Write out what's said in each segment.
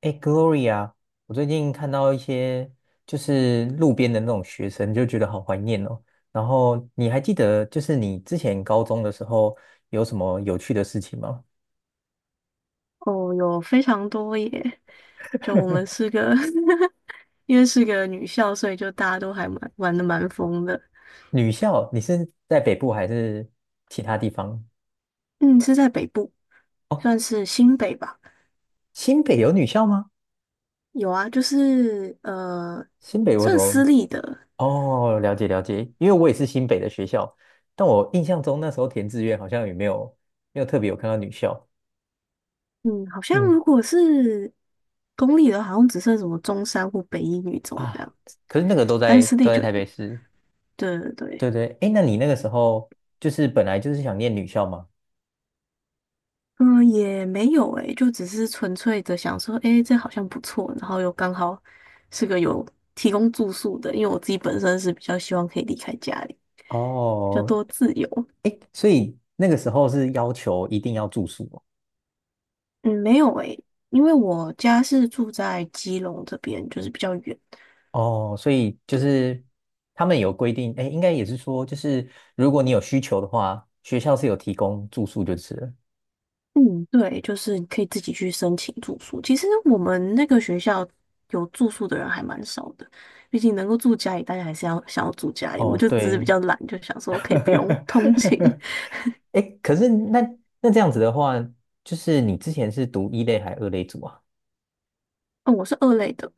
哎，Gloria，我最近看到一些就是路边的那种学生，就觉得好怀念哦。然后你还记得就是你之前高中的时候有什么有趣的事情吗？哦，有非常多耶！就我们是个 因为是个女校，所以就大家都还蛮玩的蛮疯的。女校，你是在北部还是其他地方？嗯，是在北部，算哦，是新北吧。新北有女校吗？有啊，就是新北我怎算私么？立的。哦，了解了解，因为我也是新北的学校，但我印象中那时候填志愿好像也没有特别有看到女校。嗯，好像嗯如果是公立的，好像只剩什么中山或北一女中这啊，样，可是那个都但在私都立在就台北有。市。对对对对。对，哎，那你那个时候就是本来就是想念女校吗？嗯，也没有诶，就只是纯粹的想说，诶，这好像不错，然后又刚好是个有提供住宿的，因为我自己本身是比较希望可以离开家里，比较哦，多自由。哎，所以那个时候是要求一定要住宿。嗯，没有诶，因为我家是住在基隆这边，就是比较远。哦，哦，所以就对，是他们有规定，哎，应该也是说，就是如果你有需求的话，学校是有提供住宿就是了。嗯，对，就是你可以自己去申请住宿。其实我们那个学校有住宿的人还蛮少的，毕竟能够住家里，大家还是要想要住家里。我哦，就只是比对，较懒，就想说可以不用通勤。哎可是那这样子的话，就是你之前是读一类还二类组啊？嗯，我是二类的。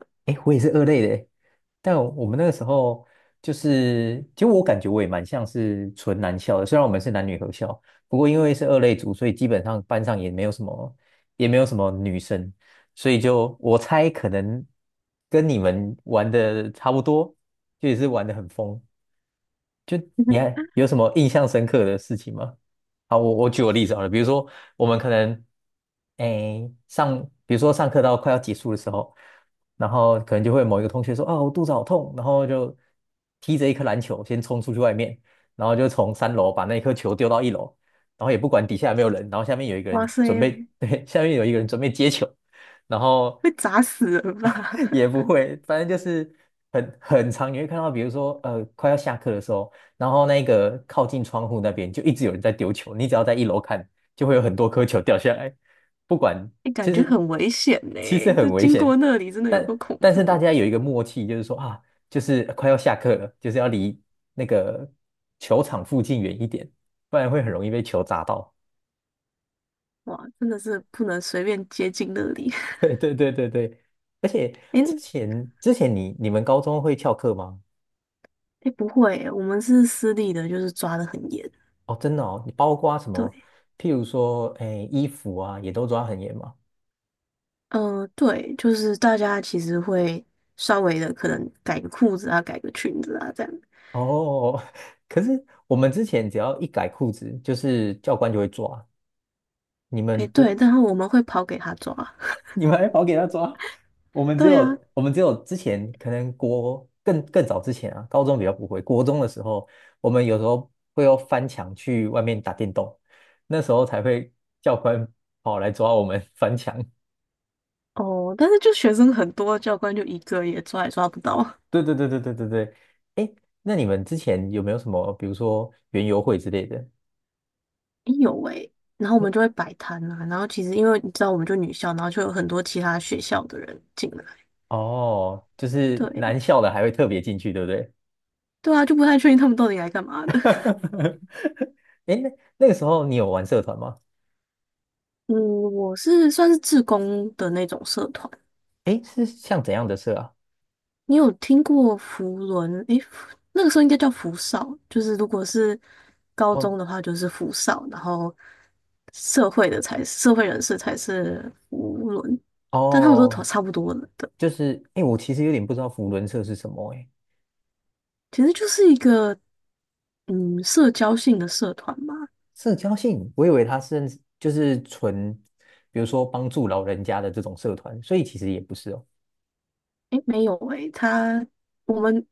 但我们那个时候就是，其实我感觉我也蛮像是纯男校的，虽然我们是男女合校，不过因为是二类组，所以基本上班上也没有什么女生，所以就我猜可能跟你们玩的差不多，就也是玩的很疯。你 看有什么印象深刻的事情吗？啊，我举个例子好了，比如说我们可能，比如说上课到快要结束的时候，然后可能就会某一个同学说啊，我肚子好痛，然后就踢着一颗篮球先冲出去外面，然后就从三楼把那颗球丢到一楼，然后也不管底下有没有人，然后下面有一个哇人准备，塞，对，下面有一个人准备接球，然后 会砸死人吧？也 不会，反正就是很长，你会看到，比如说快要下课的时候，然后那个靠近窗户那边就一直有人在丢球，你只要在一楼看，就会有很多颗球掉下来，不管，哎，感其觉实很危险呢。其实这很危经过险，那里真的有个但恐但是怖大的。家有一个默契，就是说啊，就是快要下课了，就是要离那个球场附近远一点，不然会很容易被球砸到。哇，真的是不能随便接近那里。对对对对对，而且 哎之前你们高中会翘课吗？哎，不会耶，我们是私立的，就是抓得很严。哦，真的哦，你包括什么？对，譬如说，哎，衣服啊，也都抓很严嘛。嗯、对，就是大家其实会稍微的可能改个裤子啊，改个裙子啊，这样。哦，可是我们之前只要一改裤子，就是教官就会抓。你哎，们对，不，然后我们会跑给他抓。你们还跑给他抓？我 们只对啊。有，我们只有之前可能更早之前啊，高中比较不会，国中的时候，我们有时候会要翻墙去外面打电动，那时候才会教官跑来抓我们 翻墙。哦，但是就学生很多，教官就一个也抓也抓不到。对对对对对对对，哎，那你们之前有没有什么，比如说园游会之类的？哎有诶、然后我那们就会摆摊啊，然后其实因为你知道，我们就女校，然后就有很多其他学校的人进来。哦，就是男对，校的还会特别进去，对不对？对啊，就不太确定他们到底来干嘛的。哎那那个时候你有玩社团吗？嗯，我是算是志工的那种社团。哎，是像怎样的社啊？你有听过福伦？诶、那个时候应该叫福少，就是如果是高哦中的话就是福少，然后社会人士才是福伦，但他们都哦，差不多的。对，就是哎，诶我其实有点不知道扶轮社是什么哎，其实就是一个社交性的社团吧。社交性，我以为它是就是纯，比如说帮助老人家的这种社团，所以其实也不是哦。诶，没有诶，我们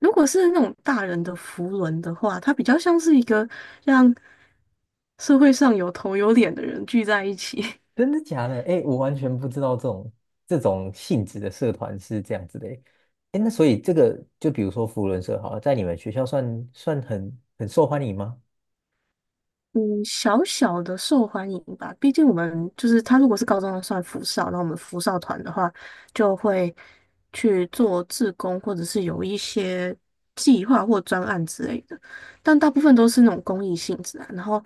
如果是那种大人的扶轮的话，它比较像是一个让社会上有头有脸的人聚在一起，真的假的？哎，我完全不知道这种性质的社团是这样子的诶。哎，那所以这个就比如说福伦社好了，在你们学校算很受欢迎吗？嗯，小小的受欢迎吧。毕竟我们就是他，如果是高中的算福少，那我们福少团的话，就会去做志工，或者是有一些计划或专案之类的。但大部分都是那种公益性质啊。然后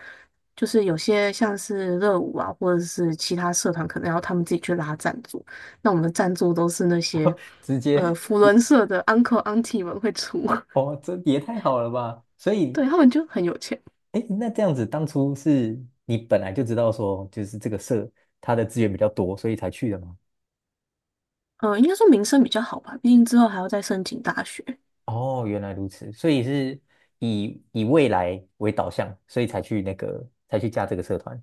就是有些像是热舞啊，或者是其他社团，可能要他们自己去拉赞助。那我们的赞助都是那些 直接福也伦社的 uncle auntie 们会出，哦，这也太好了吧！所 对，以他们就很有钱。哎，那这样子当初是你本来就知道说，就是这个社它的资源比较多，所以才去的吗？嗯，应该说民生比较好吧，毕竟之后还要再申请大学。哦，原来如此，所以是以未来为导向，所以才去加这个社团。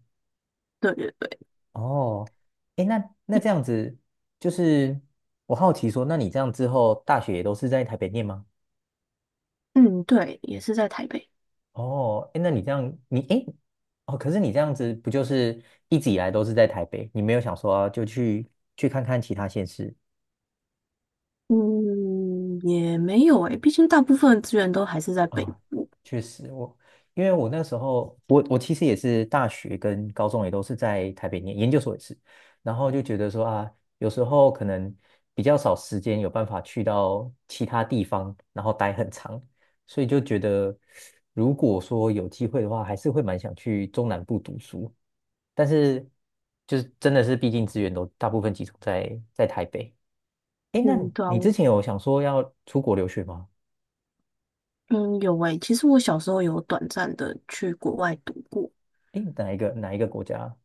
对对对。哦，哎，那那诶这样子，就是我好奇说，那你这样之后大学也都是在台北念吗？嗯，对，也是在台北。哦，哎，那你这样，哎，诶哦，可是你这样子不就是一直以来都是在台北，你没有想说就去看看其他县市？嗯，也没有诶，毕竟大部分的资源都还是在北啊，部。确实我，因为我那时候，我其实也是大学跟高中也都是在台北念，研究所也是，然后就觉得说啊，有时候可能比较少时间有办法去到其他地方，然后待很长，所以就觉得如果说有机会的话，还是会蛮想去中南部读书，但是就是真的是，毕竟资源都大部分集中在台北。诶，那嗯，对啊，你之我前有想说要出国留学吗？嗯有诶，其实我小时候有短暂的去国外读过。诶，哪一个国家？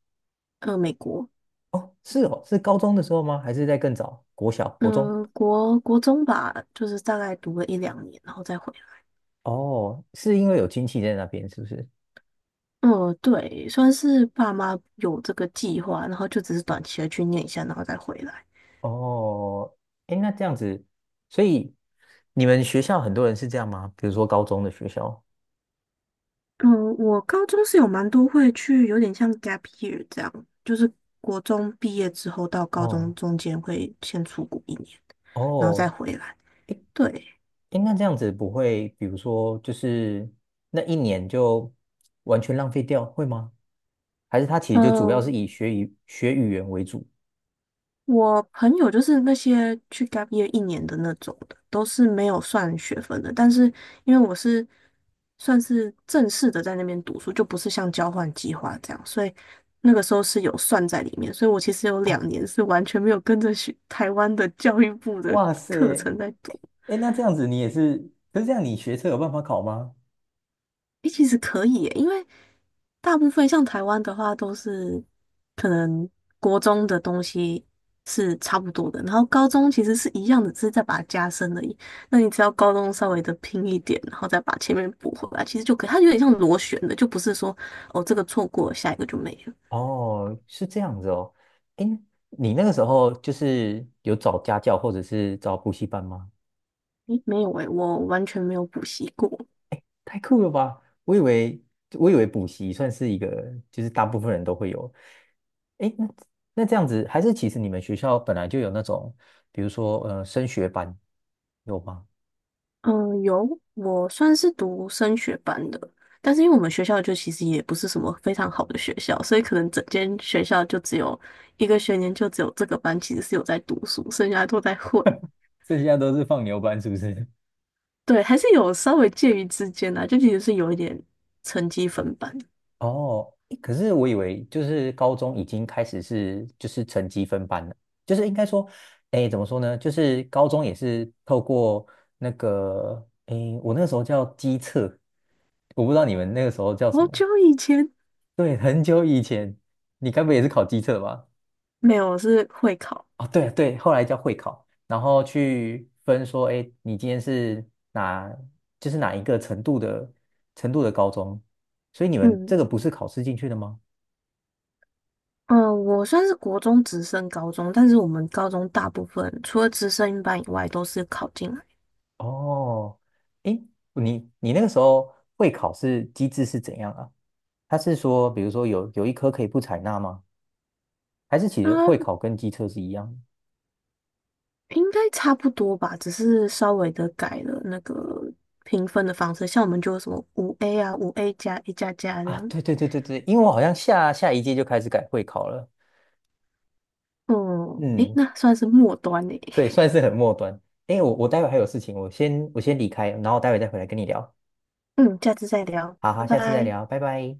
美国。哦，是哦，是高中的时候吗？还是在更早？国小、国中？嗯、国中吧，就是大概读了一两年，然后再回来。哦，是因为有亲戚在那边，是不是？嗯，对，算是爸妈有这个计划，然后就只是短期的去念一下，然后再回来。哦，哎，那这样子，所以你们学校很多人是这样吗？比如说高中的学校？嗯，我高中是有蛮多会去，有点像 gap year 这样，就是国中毕业之后到高中哦中间会先出国一年，然后再哦，回来。对，哎，那这样子不会，比如说就是那一年就完全浪费掉，会吗？还是他其实就主要呃是以学语言为主？我朋友就是那些去 gap year 一年的那种的，都是没有算学分的。但是因为我是算是正式的在那边读书，就不是像交换计划这样，所以那个时候是有算在里面。所以我其实有哦，两年是完全没有跟着学台湾的教育部的哇塞，课程在读。哎，那这样子你也是，可是这样你学测有办法考吗？诶，其实可以耶，因为大部分像台湾的话，都是可能国中的东西是差不多的，然后高中其实是一样的，只是再把它加深而已。那你只要高中稍微的拼一点，然后再把前面补回来，其实就可以。它有点像螺旋的，就不是说哦这个错过了下一个就没了。哦，是这样子哦。哎，你那个时候就是有找家教或者是找补习班吗？诶，没有诶，我完全没有补习过。太酷了吧！我以为补习算是一个，就是大部分人都会有。哎，那这样子，还是其实你们学校本来就有那种，比如说升学班，有吗？嗯，有，我算是读升学班的，但是因为我们学校就其实也不是什么非常好的学校，所以可能整间学校就只有一个学年就只有这个班其实是有在读书，剩下都在混。剩下都是放牛班，是不是？对，还是有稍微介于之间的就其实是有一点成绩分班。哦，诶可是我以为就是高中已经开始是就是成绩分班了，就是应该说，哎，怎么说呢？就是高中也是透过那个，哎，我那个时候叫机测，我不知道你们那个时候叫什好么。久以前对，很久以前，你该不会也是考机测吧？没有，我是会考。哦，对对，后来叫会考，然后去分说，哎，你今天是哪，就是哪一个程度的高中，所以你们嗯这个不是考试进去的吗？嗯，我算是国中直升高中，但是我们高中大部分除了直升班以外都是考进来。哦，诶，你那个时候会考是机制是怎样啊？他是说，比如说有一科可以不采纳吗？还是其实啊。会考跟机测是一样的应该差不多吧，只是稍微的改了那个评分的方式，像我们就有什么五 A 啊、5A+、A++这啊？样。对对对对对，因为我好像下下一届就开始改会考了。嗯，诶，嗯，那算是末端诶。对，算是很末端。诶，我待会还有事情，我先离开，然后待会再回来跟你聊。嗯，下次再聊，好好，拜下次再拜。聊，拜拜。